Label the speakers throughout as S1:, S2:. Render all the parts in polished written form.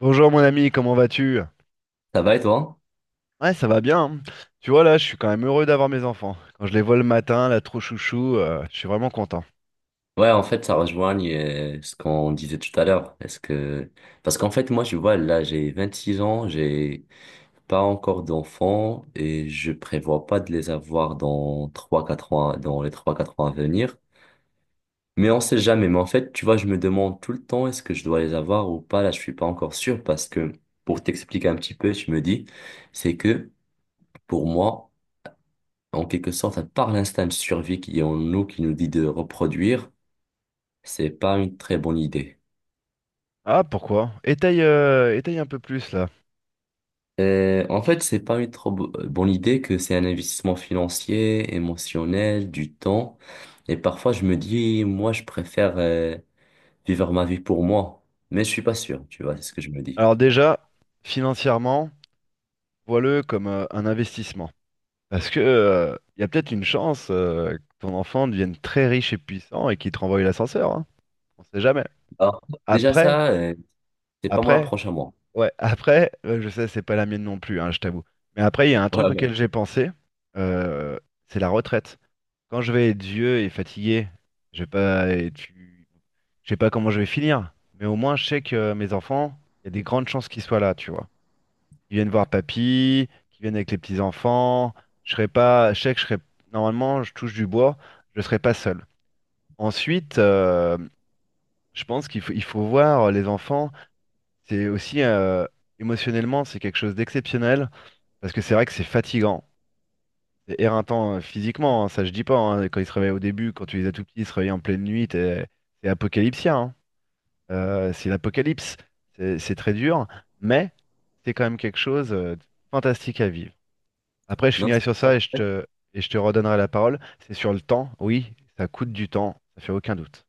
S1: Bonjour mon ami, comment vas-tu?
S2: Ça va et toi?
S1: Ouais, ça va bien, hein. Tu vois là, je suis quand même heureux d'avoir mes enfants. Quand je les vois le matin, là, trop chouchou, je suis vraiment content.
S2: Ouais, en fait, ça rejoint ce qu'on disait tout à l'heure. Est-ce que... Parce qu'en fait, moi, je vois, là, j'ai 26 ans, j'ai pas encore d'enfants et je prévois pas de les avoir dans les trois quatre ans à venir. Mais on sait jamais. Mais en fait, tu vois, je me demande tout le temps, est-ce que je dois les avoir ou pas? Là, je suis pas encore sûr parce que, pour t'expliquer un petit peu, je me dis, c'est que, pour moi, en quelque sorte, à part l'instinct de survie qui est en nous, qui nous dit de reproduire, c'est pas une très bonne idée.
S1: Ah, pourquoi? Étaye un peu plus là.
S2: En fait, c'est pas une trop bonne idée que c'est un investissement financier, émotionnel, du temps. Et parfois, je me dis, moi, je préfère vivre ma vie pour moi. Mais je suis pas sûr, tu vois, c'est ce que je me dis.
S1: Alors déjà, financièrement, vois-le comme un investissement. Parce que il y a peut-être une chance que ton enfant devienne très riche et puissant et qu'il te renvoie l'ascenseur, hein. On sait jamais.
S2: Alors, déjà
S1: Après,
S2: ça, c'est pas mon
S1: après,
S2: approche à moi.
S1: Ouais, après, je sais, c'est pas la mienne non plus, hein, je t'avoue. Mais après, il y a un
S2: Ouais,
S1: truc
S2: ouais.
S1: auquel j'ai pensé, euh, c'est la retraite. Quand je vais être vieux et fatigué, je vais pas être- je sais pas comment je vais finir, mais au moins je sais que mes enfants, il y a des grandes chances qu'ils soient là, tu vois. Ils viennent voir papy, qu'ils viennent avec les petits-enfants, je serai pas, je sais que je serai, normalement, je touche du bois, je serai pas seul. Ensuite, je pense qu'il faut voir les enfants. C'est aussi, émotionnellement, c'est quelque chose d'exceptionnel parce que c'est vrai que c'est fatigant. C'est éreintant physiquement, hein, ça je dis pas, hein. Quand ils se réveillent au début, quand tu les as tout petits, ils se réveillent en pleine nuit, c'est apocalyptien, hein. C'est l'apocalypse. C'est très dur, mais c'est quand même quelque chose, de fantastique à vivre. Après, je
S2: Non,
S1: finirai
S2: c'est
S1: sur
S2: ça.
S1: ça et je te redonnerai la parole. C'est sur le temps, oui, ça coûte du temps, ça fait aucun doute.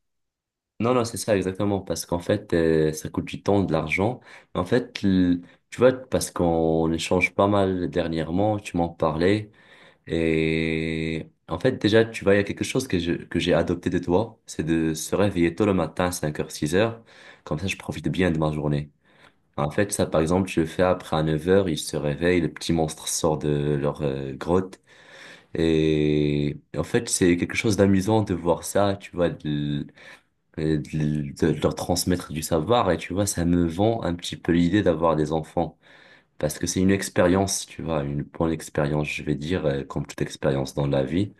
S2: Non, non, c'est ça exactement, parce qu'en fait, ça coûte du temps, de l'argent. En fait, tu vois, parce qu'on échange pas mal dernièrement, tu m'en parlais. Et en fait, déjà, tu vois, il y a quelque chose que j'ai adopté de toi, c'est de se réveiller tôt le matin, cinq heures six heures. Comme ça, je profite bien de ma journée. En fait, ça, par exemple, je le fais après, à 9 heures ils se réveillent, le petit monstre sort de leur grotte. Et en fait, c'est quelque chose d'amusant de voir ça, tu vois, de leur transmettre du savoir. Et tu vois, ça me vend un petit peu l'idée d'avoir des enfants. Parce que c'est une expérience, tu vois, une bonne expérience, je vais dire, comme toute expérience dans la vie.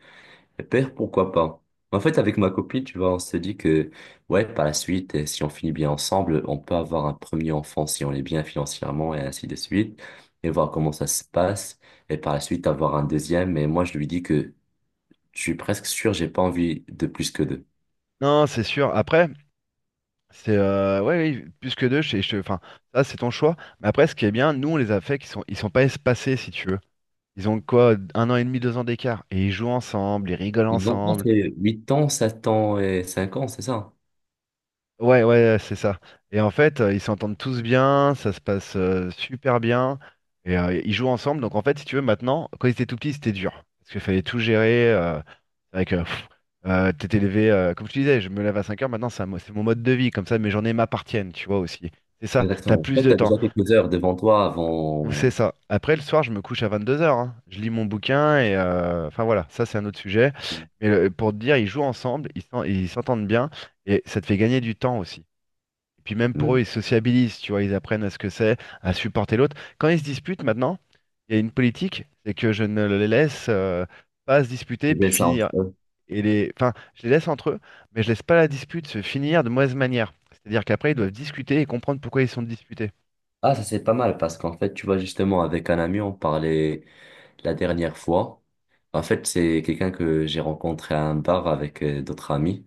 S2: Père, pourquoi pas? En fait, avec ma copine, tu vois, on se dit que, ouais, par la suite, si on finit bien ensemble, on peut avoir un premier enfant si on est bien financièrement et ainsi de suite, et voir comment ça se passe, et par la suite avoir un deuxième. Mais moi, je lui dis que je suis presque sûr, j'ai pas envie de plus que deux.
S1: Non, c'est sûr. Après, c'est, ouais, oui, plus que deux, enfin, ça c'est ton choix. Mais après, ce qui est bien, nous on les a fait, qu'ils sont pas espacés si tu veux. Ils ont quoi, 1 an et demi, 2 ans d'écart. Et ils jouent ensemble, ils rigolent
S2: Donc, moi,
S1: ensemble.
S2: c'est 8 ans, 7 ans et 5 ans, c'est ça?
S1: Ouais, ouais, c'est ça. Et en fait, ils s'entendent tous bien, ça se passe, super bien. Et ils jouent ensemble. Donc en fait, si tu veux, maintenant, quand ils étaient tout petits, c'était dur. Parce qu'il fallait tout gérer. C'est vrai que t'étais levé, comme je te disais, je me lève à 5 heures, maintenant c'est un, c'est mon mode de vie. Comme ça, mes journées m'appartiennent, tu vois aussi. C'est ça, t'as
S2: Exactement. En
S1: plus
S2: fait,
S1: de
S2: t'as
S1: temps.
S2: déjà quelques heures devant toi avant.
S1: C'est ça. Après, le soir, je me couche à 22 heures, hein. Je lis mon bouquin et, enfin voilà, ça c'est un autre sujet. Mais pour te dire, ils jouent ensemble, ils s'entendent bien et ça te fait gagner du temps aussi. Et puis même pour eux,
S2: Hmm.
S1: ils sociabilisent, tu vois, ils apprennent à ce que c'est, à supporter l'autre. Quand ils se disputent maintenant, il y a une politique, c'est que je ne les laisse, pas se disputer puis
S2: Ça
S1: finir.
S2: entre.
S1: Enfin, je les laisse entre eux, mais je laisse pas la dispute se finir de mauvaise manière. C'est-à-dire qu'après, ils doivent discuter et comprendre pourquoi ils sont disputés.
S2: Ah, ça c'est pas mal parce qu'en fait, tu vois, justement, avec un ami, on parlait la dernière fois. En fait, c'est quelqu'un que j'ai rencontré à un bar avec d'autres amis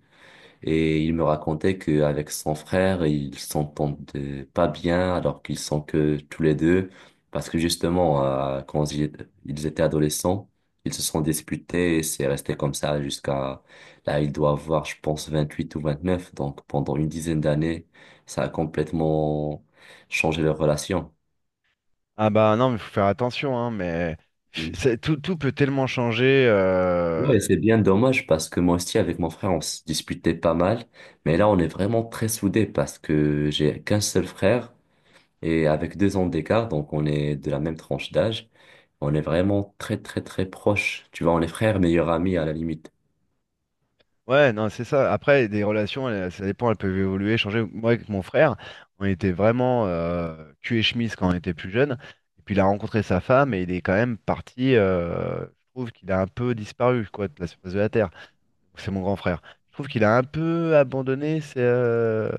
S2: et il me racontait qu'avec son frère, ils s'entendaient pas bien alors qu'ils sont que tous les deux parce que justement, quand ils étaient adolescents, ils se sont disputés et c'est resté comme ça jusqu'à là, il doit avoir, je pense, 28 ou 29. Donc, pendant une dizaine d'années, ça a complètement changé leur relation.
S1: Ah bah non, mais faut faire attention, hein, mais
S2: Hmm.
S1: tout peut tellement changer,
S2: Ouais, c'est bien dommage parce que moi aussi avec mon frère on se disputait pas mal, mais là on est vraiment très soudés parce que j'ai qu'un seul frère et avec 2 ans d'écart, donc on est de la même tranche d'âge, on est vraiment très très très proches. Tu vois, on est frères, meilleurs amis à la limite.
S1: ouais, non, c'est ça. Après, des relations, ça dépend, elles peuvent évoluer, changer. Moi, avec mon frère, on était vraiment, cul et chemise quand on était plus jeune. Et puis, il a rencontré sa femme et il est quand même parti. Je trouve qu'il a un peu disparu, quoi, de la surface de la Terre. C'est mon grand frère. Je trouve qu'il a un peu abandonné. C'est. euh,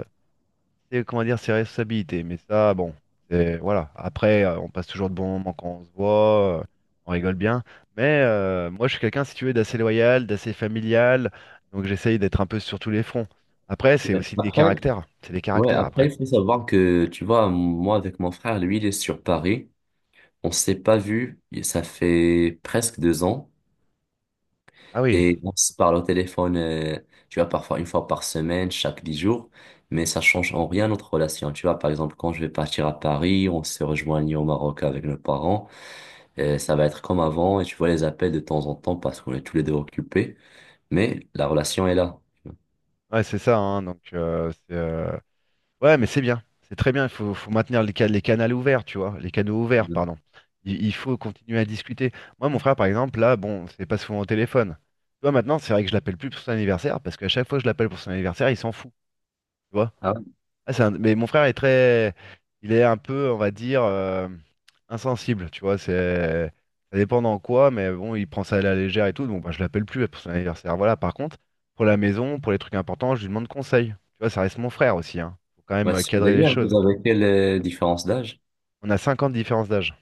S1: c'est comment dire, ses responsabilités. Mais ça, bon, c'est voilà. Après, on passe toujours de bons moments quand on se voit, on rigole bien. Mais moi, je suis quelqu'un, si tu veux, d'assez loyal, d'assez familial. Donc, j'essaye d'être un peu sur tous les fronts. Après, c'est
S2: Ouais.
S1: aussi des
S2: Après,
S1: caractères. C'est des
S2: ouais,
S1: caractères
S2: après
S1: après.
S2: il faut savoir que tu vois, moi avec mon frère, lui il est sur Paris, on s'est pas vu, et ça fait presque 2 ans.
S1: Ah oui,
S2: Et on se parle au téléphone, tu vois, parfois une fois par semaine, chaque 10 jours, mais ça change en rien notre relation. Tu vois, par exemple, quand je vais partir à Paris, on se rejoignit au Maroc avec nos parents, ça va être comme avant, et tu vois les appels de temps en temps parce qu'on est tous les deux occupés, mais la relation est là.
S1: ouais, c'est ça, hein. Donc, ouais, mais c'est bien. C'est très bien. Il faut maintenir les canaux ouverts, tu vois. Les canaux ouverts, pardon. Il faut continuer à discuter. Moi, mon frère, par exemple, là, bon, c'est pas souvent au téléphone. Tu vois, maintenant, c'est vrai que je l'appelle plus pour son anniversaire parce qu'à chaque fois que je l'appelle pour son anniversaire, il s'en fout. Tu vois.
S2: Ah ouais.
S1: Ah, mais mon frère est très, il est un peu, on va dire, insensible, tu vois. Ça dépend dans quoi, mais bon, il prend ça à la légère et tout. Donc, bah, je l'appelle plus pour son anniversaire. Voilà. Par contre, pour la maison, pour les trucs importants, je lui demande conseil. Tu vois, ça reste mon frère aussi, hein. Faut quand même,
S2: Ouais,
S1: cadrer les
S2: d'ailleurs,
S1: choses.
S2: vous avez quelle différence d'âge?
S1: On a 5 ans de différence d'âge.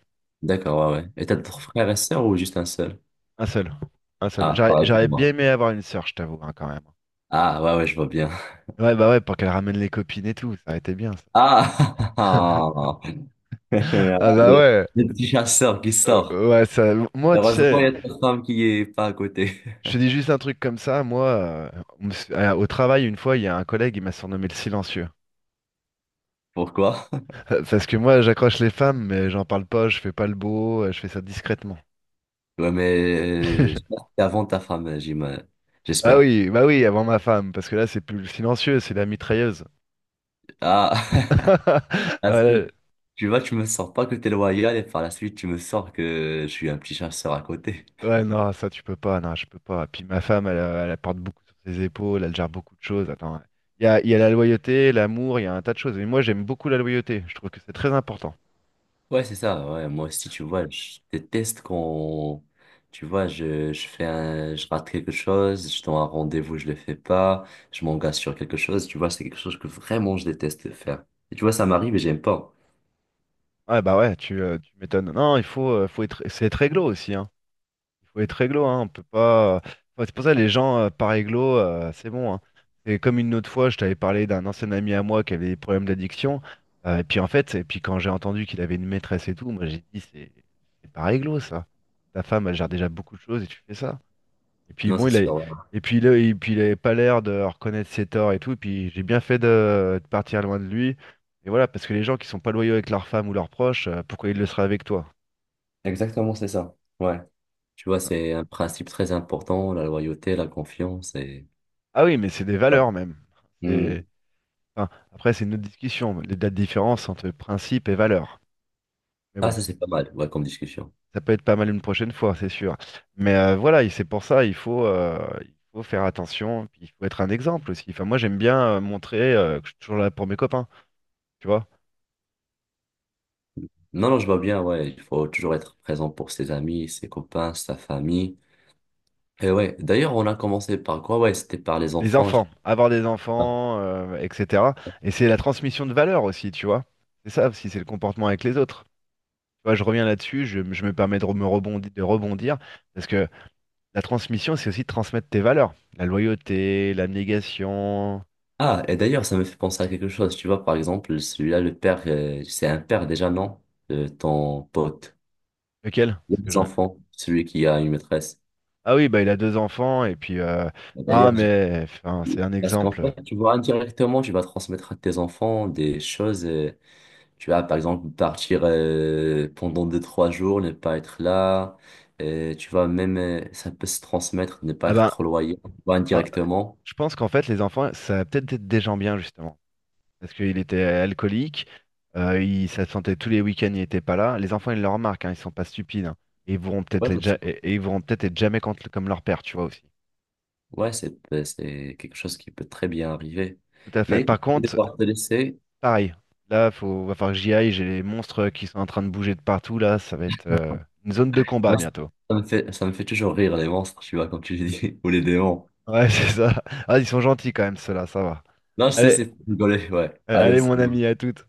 S2: D'accord, ouais, ouais. Et t'as d'autres frères et sœurs ou juste un seul?
S1: Un seul, un seul.
S2: Ah,
S1: J'aurais
S2: pareil pour
S1: j'aurais bien
S2: moi.
S1: aimé avoir une sœur, je t'avoue, hein, quand même.
S2: Ah, ouais, ouais, je vois bien.
S1: Ouais, bah ouais, pour qu'elle ramène les copines et tout, ça aurait été bien, ça.
S2: Ah,
S1: Ah bah
S2: Le,
S1: ouais.
S2: le petit chasseur qui
S1: Euh,
S2: sort.
S1: ouais, ça, moi, tu
S2: Heureusement, il y
S1: sais.
S2: a ta femme qui est pas à côté.
S1: Je te dis juste un truc comme ça, moi, au travail, une fois, il y a un collègue, il m'a surnommé le silencieux.
S2: Pourquoi?
S1: Parce que moi, j'accroche les femmes, mais j'en parle pas, je fais pas le beau, je fais ça discrètement.
S2: Ouais, mais je que c'est avant ta femme, j'imagine.
S1: Ah
S2: J'espère.
S1: oui, bah oui, avant ma femme, parce que là, c'est plus le silencieux, c'est la mitrailleuse.
S2: Ah, parce que
S1: Voilà.
S2: tu vois, tu me sors pas que t'es loyal et par la suite, tu me sors que je suis un petit chasseur à côté.
S1: Ouais, non, ça, tu peux pas, non, je peux pas. Puis ma femme, elle porte beaucoup sur ses épaules, elle gère beaucoup de choses. Attends, il y a la loyauté, l'amour, il y a un tas de choses. Mais moi, j'aime beaucoup la loyauté, je trouve que c'est très important.
S2: Ouais, c'est ça. Ouais, moi aussi, tu vois, je déteste quand, tu vois, je rate quelque chose, je donne un rendez-vous, je le fais pas, je m'engage sur quelque chose, tu vois, c'est quelque chose que vraiment je déteste faire. Et tu vois, ça m'arrive et j'aime pas.
S1: Ouais, bah ouais, tu m'étonnes. Non, il faut, faut être, c'est être réglo aussi, hein. Il faut être réglo, hein. On peut pas, enfin, c'est pour ça les gens, par réglo, c'est bon, hein. C'est comme une autre fois, je t'avais parlé d'un ancien ami à moi qui avait des problèmes d'addiction, et puis en fait, et puis quand j'ai entendu qu'il avait une maîtresse et tout, moi j'ai dit c'est pas réglo ça. Ta femme, elle gère déjà beaucoup de choses et tu fais ça. Et puis
S2: Non,
S1: bon,
S2: c'est sûr. Ouais.
S1: et puis là, et puis il avait pas l'air de reconnaître ses torts et tout. Et puis j'ai bien fait de partir loin de lui. Et voilà, parce que les gens qui sont pas loyaux avec leur femme ou leurs proches, pourquoi ils le seraient avec toi?
S2: Exactement, c'est ça. Ouais. Tu vois, c'est un principe très important, la loyauté, la confiance et...
S1: Ah oui, mais c'est des
S2: Ouais.
S1: valeurs même. C'est,
S2: Hmm.
S1: enfin, après, c'est une autre discussion, les dates différences entre principe et valeurs. Mais
S2: Ah,
S1: bon,
S2: ça, c'est pas mal, ouais, comme discussion.
S1: ça peut être pas mal une prochaine fois, c'est sûr. Mais voilà, et c'est pour ça, il faut faire attention. Puis il faut être un exemple aussi. Enfin, moi, j'aime bien, montrer, que je suis toujours là pour mes copains, tu vois.
S2: Non, non, je vois bien, ouais, il faut toujours être présent pour ses amis, ses copains, sa famille. Et ouais, d'ailleurs, on a commencé par quoi? Ouais, c'était par les
S1: Les
S2: enfants.
S1: enfants, avoir des enfants, etc. Et c'est la transmission de valeurs aussi, tu vois. C'est ça aussi, c'est le comportement avec les autres. Tu vois, je reviens là-dessus, je me permets de rebondir, parce que la transmission, c'est aussi de transmettre tes valeurs. La loyauté, l'abnégation.
S2: Ah, et d'ailleurs, ça me fait penser à quelque chose. Tu vois, par exemple, celui-là, le père, c'est un père déjà, non? Ton pote.
S1: Lequel? Parce que
S2: Les
S1: j'en ai-
S2: enfants, celui qui a une maîtresse.
S1: Ah oui, bah il a deux enfants, et puis
S2: Et
S1: ah
S2: D'ailleurs, j'ai-
S1: mais enfin, c'est un
S2: parce qu'en
S1: exemple.
S2: fait, tu vois, indirectement, tu vas transmettre à tes enfants des choses. Tu vas, par exemple, partir pendant deux, trois jours, ne pas être là. Tu vois, même, ça peut se transmettre, ne pas
S1: Ah
S2: être
S1: ben,
S2: trop loyal, tu vois,
S1: ben,
S2: indirectement.
S1: je pense qu'en fait, les enfants, ça va peut-être être des gens bien, justement, parce qu'il était alcoolique, ça se sentait tous les week-ends, il était pas là. Les enfants, ils le remarquent, hein, ils sont pas stupides, hein. Et ils voudront peut-être
S2: Ouais,
S1: être,
S2: c'est sûr.
S1: et ils voudront peut-être être jamais comme leur père, tu vois aussi.
S2: Ouais, c'est quelque chose qui peut très bien arriver.
S1: Tout à fait.
S2: Mais écoute,
S1: Par
S2: je vais
S1: contre,
S2: devoir te laisser.
S1: pareil, là, faut, va falloir que j'y aille, j'ai les monstres qui sont en train de bouger de partout, là, ça va être, une zone de combat
S2: Moi, ça
S1: bientôt.
S2: ça me fait, ça me fait toujours rire, les monstres, tu vois, comme tu dis, ou les démons.
S1: Ouais, c'est ça. Ah, ils sont gentils quand même, ceux-là, ça va.
S2: Non, je sais,
S1: Allez,
S2: c'est pour rigoler, ouais.
S1: euh,
S2: Allez,
S1: allez mon
S2: salut.
S1: ami, à toutes.